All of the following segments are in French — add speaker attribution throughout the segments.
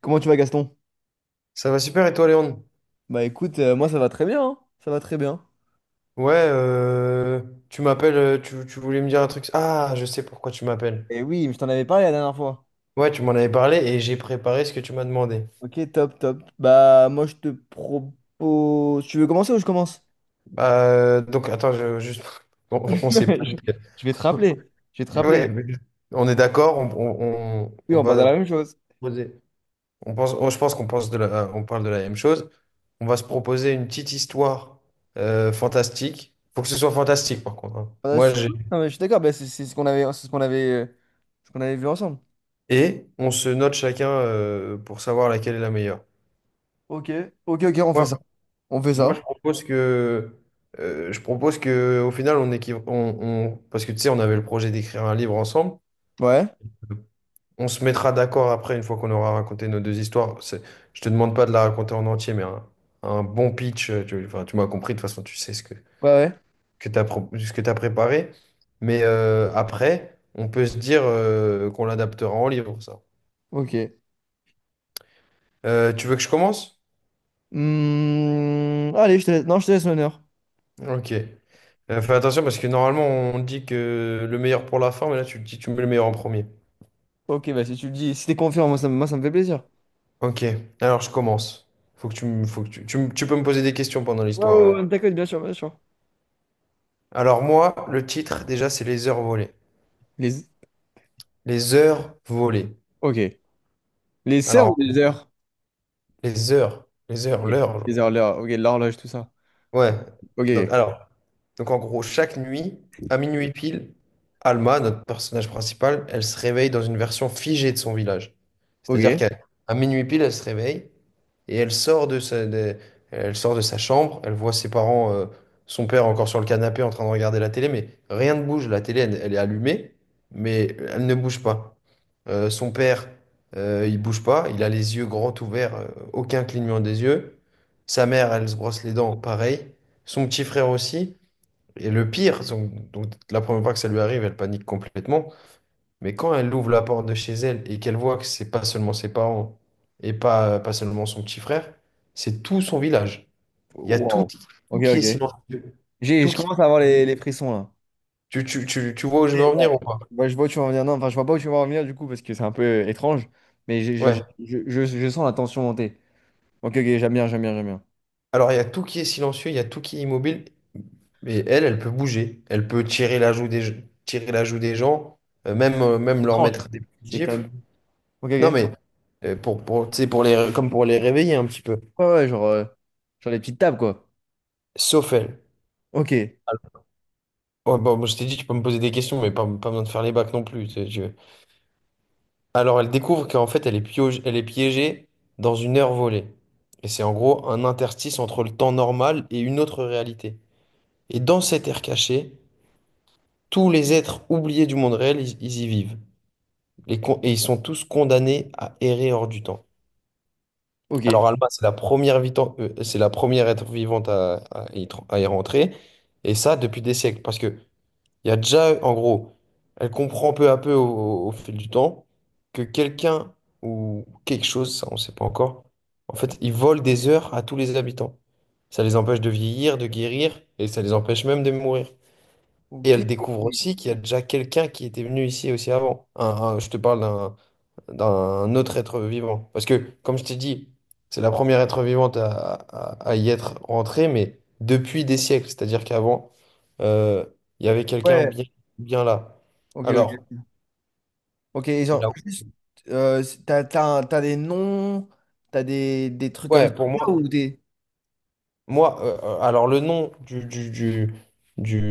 Speaker 1: Comment tu vas, Gaston?
Speaker 2: Ça va super et toi, Léon?
Speaker 1: Bah écoute, moi ça va très bien, hein. Ça va très bien.
Speaker 2: Ouais, euh, tu m'appelles, tu voulais me dire un truc. Ah, je sais pourquoi tu m'appelles.
Speaker 1: Et oui, je t'en avais parlé la dernière fois.
Speaker 2: Ouais, tu m'en avais parlé et j'ai préparé ce que tu m'as demandé.
Speaker 1: Ok, top, top. Bah moi je te propose... Tu veux commencer ou je commence?
Speaker 2: Donc, attends, juste, on s'est pas
Speaker 1: Je
Speaker 2: dit.
Speaker 1: je vais te rappeler. Je vais te
Speaker 2: Ouais,
Speaker 1: rappeler.
Speaker 2: mais on est d'accord,
Speaker 1: Oui,
Speaker 2: on
Speaker 1: on parle de
Speaker 2: va,
Speaker 1: la même chose.
Speaker 2: je pense qu'on pense de la, on parle de la même chose. On va se proposer une petite histoire fantastique. Faut que ce soit fantastique, par contre, hein.
Speaker 1: Ah,
Speaker 2: Moi,
Speaker 1: si.
Speaker 2: j'ai.
Speaker 1: Non, mais je suis d'accord, bah, c'est ce qu'on avait, ce qu'on avait vu ensemble.
Speaker 2: Et on se note chacun pour savoir laquelle est la meilleure.
Speaker 1: Ok, ok, ok, on
Speaker 2: Ouais.
Speaker 1: fait ça. On fait
Speaker 2: Moi,
Speaker 1: ça.
Speaker 2: je propose que, au final, on, parce que tu sais, on avait le projet d'écrire un livre ensemble.
Speaker 1: Ouais,
Speaker 2: On se mettra d'accord après, une fois qu'on aura raconté nos deux histoires. Je te demande pas de la raconter en entier, mais un bon pitch. Tu, enfin, tu m'as compris, de toute façon, tu sais ce que,
Speaker 1: ouais, ouais.
Speaker 2: que tu as, ce que tu préparé. Mais après, on peut se dire qu'on l'adaptera en livre, ça.
Speaker 1: Ok.
Speaker 2: Tu veux que je commence?
Speaker 1: Hmm, allez, je te laisse. Non, je te laisse l'honneur.
Speaker 2: Ok. Fais attention parce que normalement, on dit que le meilleur pour la fin, mais là, tu te dis, tu mets le meilleur en premier.
Speaker 1: Ok, bah si tu le dis, si t'es confiant, moi, ça me fait plaisir.
Speaker 2: Ok, alors je commence. Faut que tu peux me poser des questions pendant
Speaker 1: Ouais,
Speaker 2: l'histoire,
Speaker 1: ouais,
Speaker 2: ouais.
Speaker 1: ouais, d'accord, bien sûr, bien sûr.
Speaker 2: Alors moi, le titre, déjà, c'est les heures volées.
Speaker 1: Les...
Speaker 2: Les heures volées.
Speaker 1: Ok. Les sœurs ou
Speaker 2: Alors,
Speaker 1: les heures?
Speaker 2: les heures,
Speaker 1: Ok.
Speaker 2: l'heure.
Speaker 1: Les heures, l'heure. Ok, l'horloge, tout ça.
Speaker 2: Ouais. Donc,
Speaker 1: Ok.
Speaker 2: alors, donc en gros, chaque nuit, à minuit pile, Alma, notre personnage principal, elle se réveille dans une version figée de son village.
Speaker 1: Ok.
Speaker 2: C'est-à-dire
Speaker 1: Ok.
Speaker 2: qu'à À minuit pile, elle se réveille et elle sort de sa chambre, elle voit ses parents, son père encore sur le canapé en train de regarder la télé, mais rien ne bouge. La télé, elle, elle est allumée, mais elle ne bouge pas. Son père, il bouge pas, il a les yeux grands ouverts, aucun clignement des yeux. Sa mère, elle se brosse les dents, pareil. Son petit frère aussi. Et le pire, son- donc, la première fois que ça lui arrive, elle panique complètement. Mais quand elle ouvre la porte de chez elle et qu'elle voit que c'est pas seulement ses parents et pas seulement son petit frère, c'est tout son village. Il y a tout,
Speaker 1: Wow.
Speaker 2: tout
Speaker 1: Ok,
Speaker 2: qui est
Speaker 1: ok.
Speaker 2: silencieux. Tout
Speaker 1: Je
Speaker 2: qui...
Speaker 1: commence à avoir les frissons là.
Speaker 2: Tu vois où je
Speaker 1: Et
Speaker 2: veux en
Speaker 1: là,
Speaker 2: venir ou pas?
Speaker 1: bah, je vois où tu vas en venir. Non, enfin, je vois pas où tu vas en venir du coup parce que c'est un peu étrange. Mais
Speaker 2: Ouais.
Speaker 1: je sens la tension monter. Ok, ok, j'aime bien, j'aime bien, j'aime bien.
Speaker 2: Alors, il y a tout qui est silencieux, il y a tout qui est immobile. Mais elle, elle peut bouger. Elle peut tirer la joue des gens, même leur
Speaker 1: Étrange.
Speaker 2: mettre des petites
Speaker 1: C'est quand
Speaker 2: gifles.
Speaker 1: même. Ok,
Speaker 2: Non,
Speaker 1: ok.
Speaker 2: mais pour, tu sais, pour les, comme pour les réveiller un petit peu.
Speaker 1: Ouais, ouais, genre, genre les petites tables quoi.
Speaker 2: Sauf elle.
Speaker 1: Ok.
Speaker 2: Oh, bon, moi, je t'ai dit, tu peux me poser des questions, mais pas, pas besoin de faire les bacs non plus, tu sais, je- Alors, elle découvre qu'en fait, elle est piégée dans une heure volée. Et c'est en gros un interstice entre le temps normal et une autre réalité. Et dans cette ère cachée, tous les êtres oubliés du monde réel, ils y vivent. Et ils sont tous condamnés à errer hors du temps.
Speaker 1: Ok.
Speaker 2: Alors Alma, c'est la première être vivante à, à y rentrer, et ça depuis des siècles, parce que il y a déjà, en gros, elle comprend peu à peu au fil du temps que quelqu'un ou quelque chose, ça on ne sait pas encore, en fait, ils volent des heures à tous les habitants. Ça les empêche de vieillir, de guérir, et ça les empêche même de mourir. Et
Speaker 1: Ok.
Speaker 2: elle découvre aussi qu'il y a déjà quelqu'un qui était venu ici aussi avant. Je te parle d'un autre être vivant. Parce que, comme je t'ai dit, c'est la première être vivante à, à y être rentrée, mais depuis des siècles. C'est-à-dire qu'avant, euh, il y avait quelqu'un
Speaker 1: Ouais.
Speaker 2: bien, bien là.
Speaker 1: Ok,
Speaker 2: Alors,
Speaker 1: ok. Ok, et genre,
Speaker 2: là,
Speaker 1: juste, t'as, t'as des noms, t'as des trucs comme
Speaker 2: ouais,
Speaker 1: ça,
Speaker 2: pour
Speaker 1: ou
Speaker 2: moi,
Speaker 1: des...
Speaker 2: alors le nom du, du, du,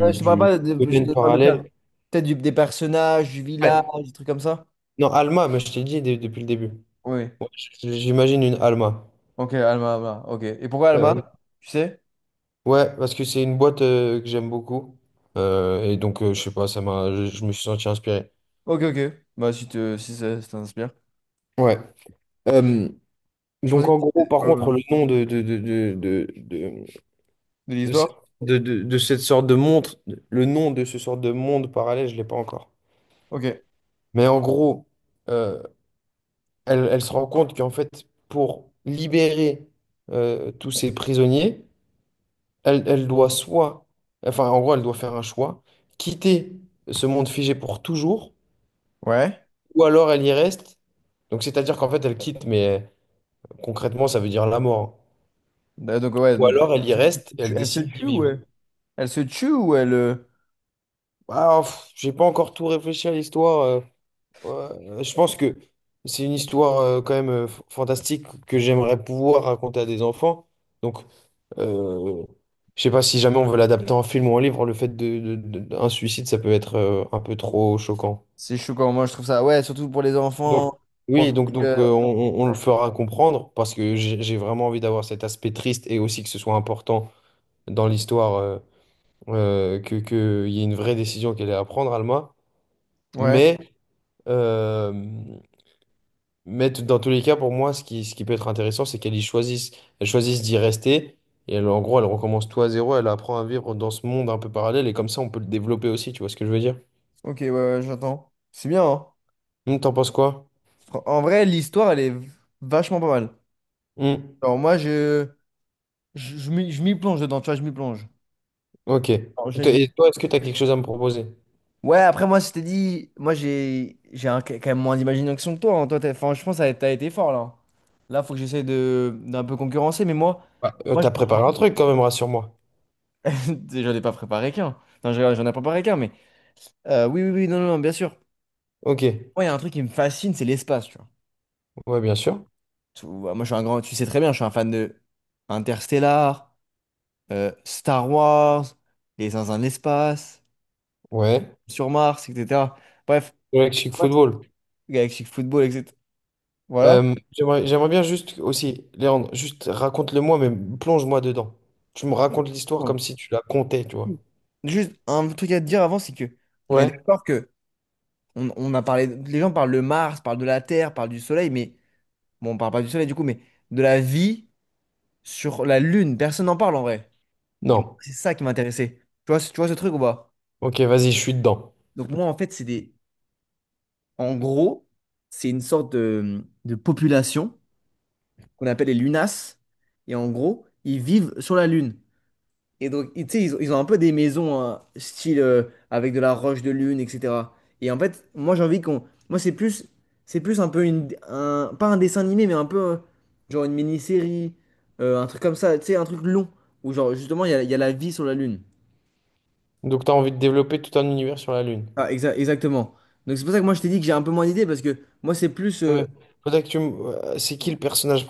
Speaker 1: Ouais, je te parle
Speaker 2: du
Speaker 1: pas, de, je
Speaker 2: domaine
Speaker 1: te parle de per-
Speaker 2: parallèle,
Speaker 1: peut-être des personnages, du village,
Speaker 2: ouais,
Speaker 1: des trucs comme ça.
Speaker 2: non, Alma, mais je t'ai dit depuis le début.
Speaker 1: Oui.
Speaker 2: Ouais, j'imagine une Alma.
Speaker 1: Ok, Alma, Alma. Ok. Et pourquoi
Speaker 2: Euh,
Speaker 1: Alma? Tu sais?
Speaker 2: Ouais, parce que c'est une boîte que j'aime beaucoup. Je sais pas, je me suis senti inspiré.
Speaker 1: Ok, ok. Bah, si, te, si ça t'inspire.
Speaker 2: Ouais. Euh,
Speaker 1: Je
Speaker 2: donc,
Speaker 1: pensais que
Speaker 2: en gros,
Speaker 1: c'était
Speaker 2: par
Speaker 1: ouais,
Speaker 2: contre,
Speaker 1: ouais.
Speaker 2: le nom de
Speaker 1: De
Speaker 2: de cette,
Speaker 1: l'histoire.
Speaker 2: de cette sorte de montre, le nom de ce sorte de monde parallèle, je l'ai pas encore.
Speaker 1: Ok.
Speaker 2: Mais en gros, euh, elle, elle se rend compte qu'en fait, pour libérer tous ces prisonniers, elle, elle doit soit, enfin, en gros, elle doit faire un choix, quitter ce monde figé pour toujours.
Speaker 1: Ouais.
Speaker 2: Ou alors elle y reste. Donc c'est-à-dire qu'en fait elle quitte, mais concrètement ça veut dire la mort, hein.
Speaker 1: Donc, ouais.
Speaker 2: Ou
Speaker 1: Donc,
Speaker 2: alors elle
Speaker 1: elle
Speaker 2: y
Speaker 1: se
Speaker 2: reste et elle
Speaker 1: elle se
Speaker 2: décide d'y
Speaker 1: tue ou
Speaker 2: vivre.
Speaker 1: elle... elle se tue ou elle. euh,
Speaker 2: Ah, pff, j'ai pas encore tout réfléchi à l'histoire. Ouais, je pense que c'est une histoire quand même fantastique que j'aimerais pouvoir raconter à des enfants. Donc euh, je sais pas si jamais on veut l'adapter en film ou en livre, le fait d'un suicide ça peut être un peu trop choquant.
Speaker 1: C'est choquant. Moi, je trouve ça. Ouais, surtout pour les
Speaker 2: Donc,
Speaker 1: enfants. Pour le
Speaker 2: oui,
Speaker 1: public,
Speaker 2: donc on, on le
Speaker 1: ouais.
Speaker 2: fera comprendre parce que j'ai vraiment envie d'avoir cet aspect triste et aussi que ce soit important dans l'histoire, que, qu'il y ait une vraie décision qu'elle ait à prendre, Alma.
Speaker 1: Ouais.
Speaker 2: Mais, euh, mais dans tous les cas, pour moi, ce qui peut être intéressant, c'est qu'elle y choisisse, elle choisisse d'y rester. En gros, elle recommence tout à zéro, elle apprend à vivre dans ce monde un peu parallèle et comme ça, on peut le développer aussi, tu vois ce que je veux dire?
Speaker 1: Ok, ouais, ouais, j'entends. C'est bien, hein.
Speaker 2: Hmm, t'en penses quoi?
Speaker 1: En vrai, l'histoire, elle est vachement pas mal.
Speaker 2: Hmm,
Speaker 1: Alors moi, je m'y plonge dedans, tu vois, je m'y plonge.
Speaker 2: ok.
Speaker 1: Alors,
Speaker 2: Et toi, est-ce que tu as quelque chose à me proposer?
Speaker 1: ouais, après, moi, je t'ai dit, moi, j'ai quand même moins d'imagination que toi, hein. Toi, enfin, je pense que t'as été fort, là. Là, faut que j'essaie de d'un peu concurrencer, mais moi,
Speaker 2: Bah,
Speaker 1: moi, je
Speaker 2: t'as
Speaker 1: me suis
Speaker 2: préparé un
Speaker 1: dit-
Speaker 2: truc quand même, rassure-moi.
Speaker 1: j'en ai pas préparé qu'un. Non, je rigole, j'en ai préparé qu'un, mais... oui, oui, oui, non, non, non, bien sûr.
Speaker 2: Ok,
Speaker 1: Moi, il y a un truc qui me fascine, c'est l'espace, tu vois.
Speaker 2: ouais, bien sûr.
Speaker 1: Moi, je suis un grand... Tu sais très bien, je suis un fan de Interstellar, Star Wars, les uns dans l'espace,
Speaker 2: Ouais.
Speaker 1: sur Mars, etc. Bref,
Speaker 2: Ouais, Chic
Speaker 1: ouais.
Speaker 2: Football.
Speaker 1: Galactic Football, etc. Voilà.
Speaker 2: J'aimerais bien juste aussi, Léandre, juste raconte-le-moi, mais plonge-moi dedans. Tu me racontes l'histoire
Speaker 1: Ouais.
Speaker 2: comme si tu la comptais, tu vois.
Speaker 1: Juste un truc à te dire avant, c'est que on est
Speaker 2: Ouais?
Speaker 1: d'accord que on a parlé, les gens parlent de Mars, parlent de la Terre, parlent du Soleil, mais bon, on parle pas du Soleil du coup, mais de la vie sur la Lune, personne n'en parle en vrai. Et moi,
Speaker 2: Non.
Speaker 1: c'est ça qui m'intéressait. Tu vois, tu vois ce truc ou pas?
Speaker 2: Ok, vas-y, je suis dedans.
Speaker 1: Donc moi, en fait, en gros, c'est une sorte de population qu'on appelle les lunas. Et en gros, ils vivent sur la Lune. Et donc, tu sais, ils ont un peu des maisons style avec de la roche de lune, etc. Et en fait, moi, j'ai envie qu'on. Moi, c'est plus un peu pas un dessin animé, mais un peu genre une mini-série, un truc comme ça, tu sais, un truc long où genre justement il y a la vie sur la Lune.
Speaker 2: Donc, t'as envie de développer tout un univers sur la Lune.
Speaker 1: Ah, exactement. Donc c'est pour ça que moi je t'ai dit que j'ai un peu moins d'idées parce que moi c'est plus
Speaker 2: Non, mais faudrait que c'est qui le personnage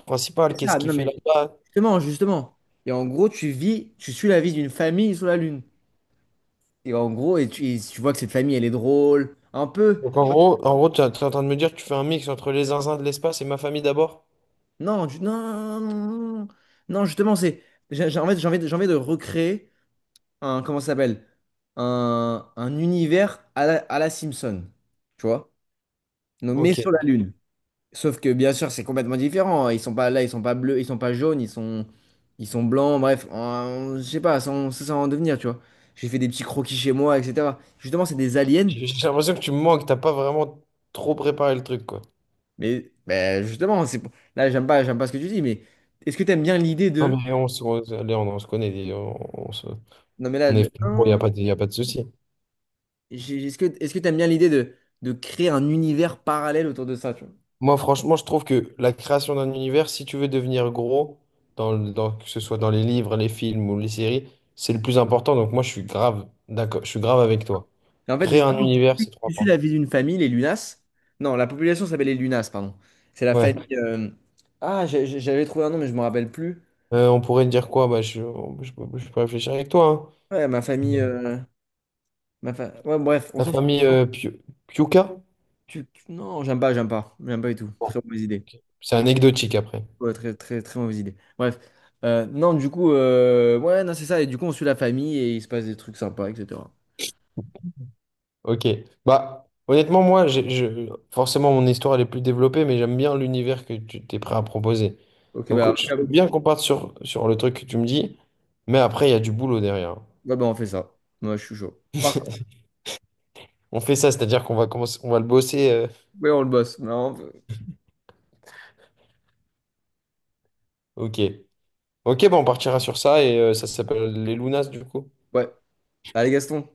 Speaker 1: c'est
Speaker 2: principal? Qu'est-ce
Speaker 1: ça.
Speaker 2: qu'il
Speaker 1: Non
Speaker 2: fait
Speaker 1: mais
Speaker 2: là-bas?
Speaker 1: justement, justement. Et en gros, tu suis la vie d'une famille sur la Lune. Et en gros, et tu vois que cette famille, elle est drôle, un peu.
Speaker 2: Donc, en gros, t'es en train de me dire que tu fais un mix entre les zinzins de l'espace et ma famille d'abord?
Speaker 1: Non, du- non, non, non, non, non. Justement, c'est. J'ai envie, j'ai envie de recréer un. Comment ça s'appelle? Un univers à la Simpson. Tu vois? Donc, mais
Speaker 2: Ok.
Speaker 1: sur la Lune. Sauf que, bien sûr, c'est complètement différent, hein. Ils sont pas là, ils sont pas bleus, ils sont pas jaunes, ils sont blancs, bref. Je sais pas, ça, ça, ça va en devenir, tu vois. J'ai fait des petits croquis chez moi, etc. Justement, c'est des aliens.
Speaker 2: J'ai l'impression que tu me manques, t'as pas vraiment trop préparé le truc, quoi.
Speaker 1: Mais ben, justement, là, j'aime pas ce que tu dis, mais est-ce que tu aimes bien l'idée
Speaker 2: Non,
Speaker 1: de...
Speaker 2: mais on, allez, on se connaît, dis, on se-
Speaker 1: Non, mais là,
Speaker 2: on est il n'y a
Speaker 1: hein,
Speaker 2: pas de, y a pas de souci.
Speaker 1: est-ce que tu aimes bien l'idée de créer un univers parallèle autour de ça, tu vois?
Speaker 2: Moi, franchement, je trouve que la création d'un univers, si tu veux devenir gros, dans que ce soit dans les livres, les films ou les séries, c'est le plus important. Donc, moi, je suis grave, d'accord, je suis grave avec toi.
Speaker 1: Et en fait,
Speaker 2: Créer un
Speaker 1: justement,
Speaker 2: univers, c'est trop
Speaker 1: tu suis la
Speaker 2: important.
Speaker 1: vie d'une famille, les Lunas. Non, la population s'appelle les Lunas, pardon. C'est la famille...
Speaker 2: Ouais.
Speaker 1: ah, j'avais trouvé un nom, mais je me rappelle plus.
Speaker 2: On pourrait dire quoi? Bah, je peux réfléchir avec toi,
Speaker 1: Ouais, ma
Speaker 2: hein.
Speaker 1: famille... ouais, bref, on
Speaker 2: La
Speaker 1: s'en fout.
Speaker 2: famille Piuca?
Speaker 1: Non, j'aime pas, j'aime pas. J'aime pas du tout.
Speaker 2: Bon,
Speaker 1: Très mauvaise idée.
Speaker 2: ok. C'est anecdotique après.
Speaker 1: Ouais, très, très, très mauvaise idée. Bref. Non, du coup, ouais, non, c'est ça. Et du coup, on suit la famille et il se passe des trucs sympas, etc.
Speaker 2: Ok. Bah, honnêtement, moi, forcément, mon histoire, elle est plus développée, mais j'aime bien l'univers que tu t'es prêt à proposer.
Speaker 1: Ok,
Speaker 2: Donc,
Speaker 1: bah,
Speaker 2: je
Speaker 1: après, ouais,
Speaker 2: veux bien qu'on parte sur, sur le truc que tu me dis, mais après, il y a du boulot derrière, hein.
Speaker 1: bah, on fait ça. Moi, je suis chaud. Par contre,
Speaker 2: On fait ça, c'est-à-dire qu'on va commencer, on va le bosser.
Speaker 1: ouais, on le bosse. Non, on peut-
Speaker 2: Ok. Ok, bah, on partira sur ça et ça s'appelle les Lunas, du coup.
Speaker 1: ouais. Allez, Gaston.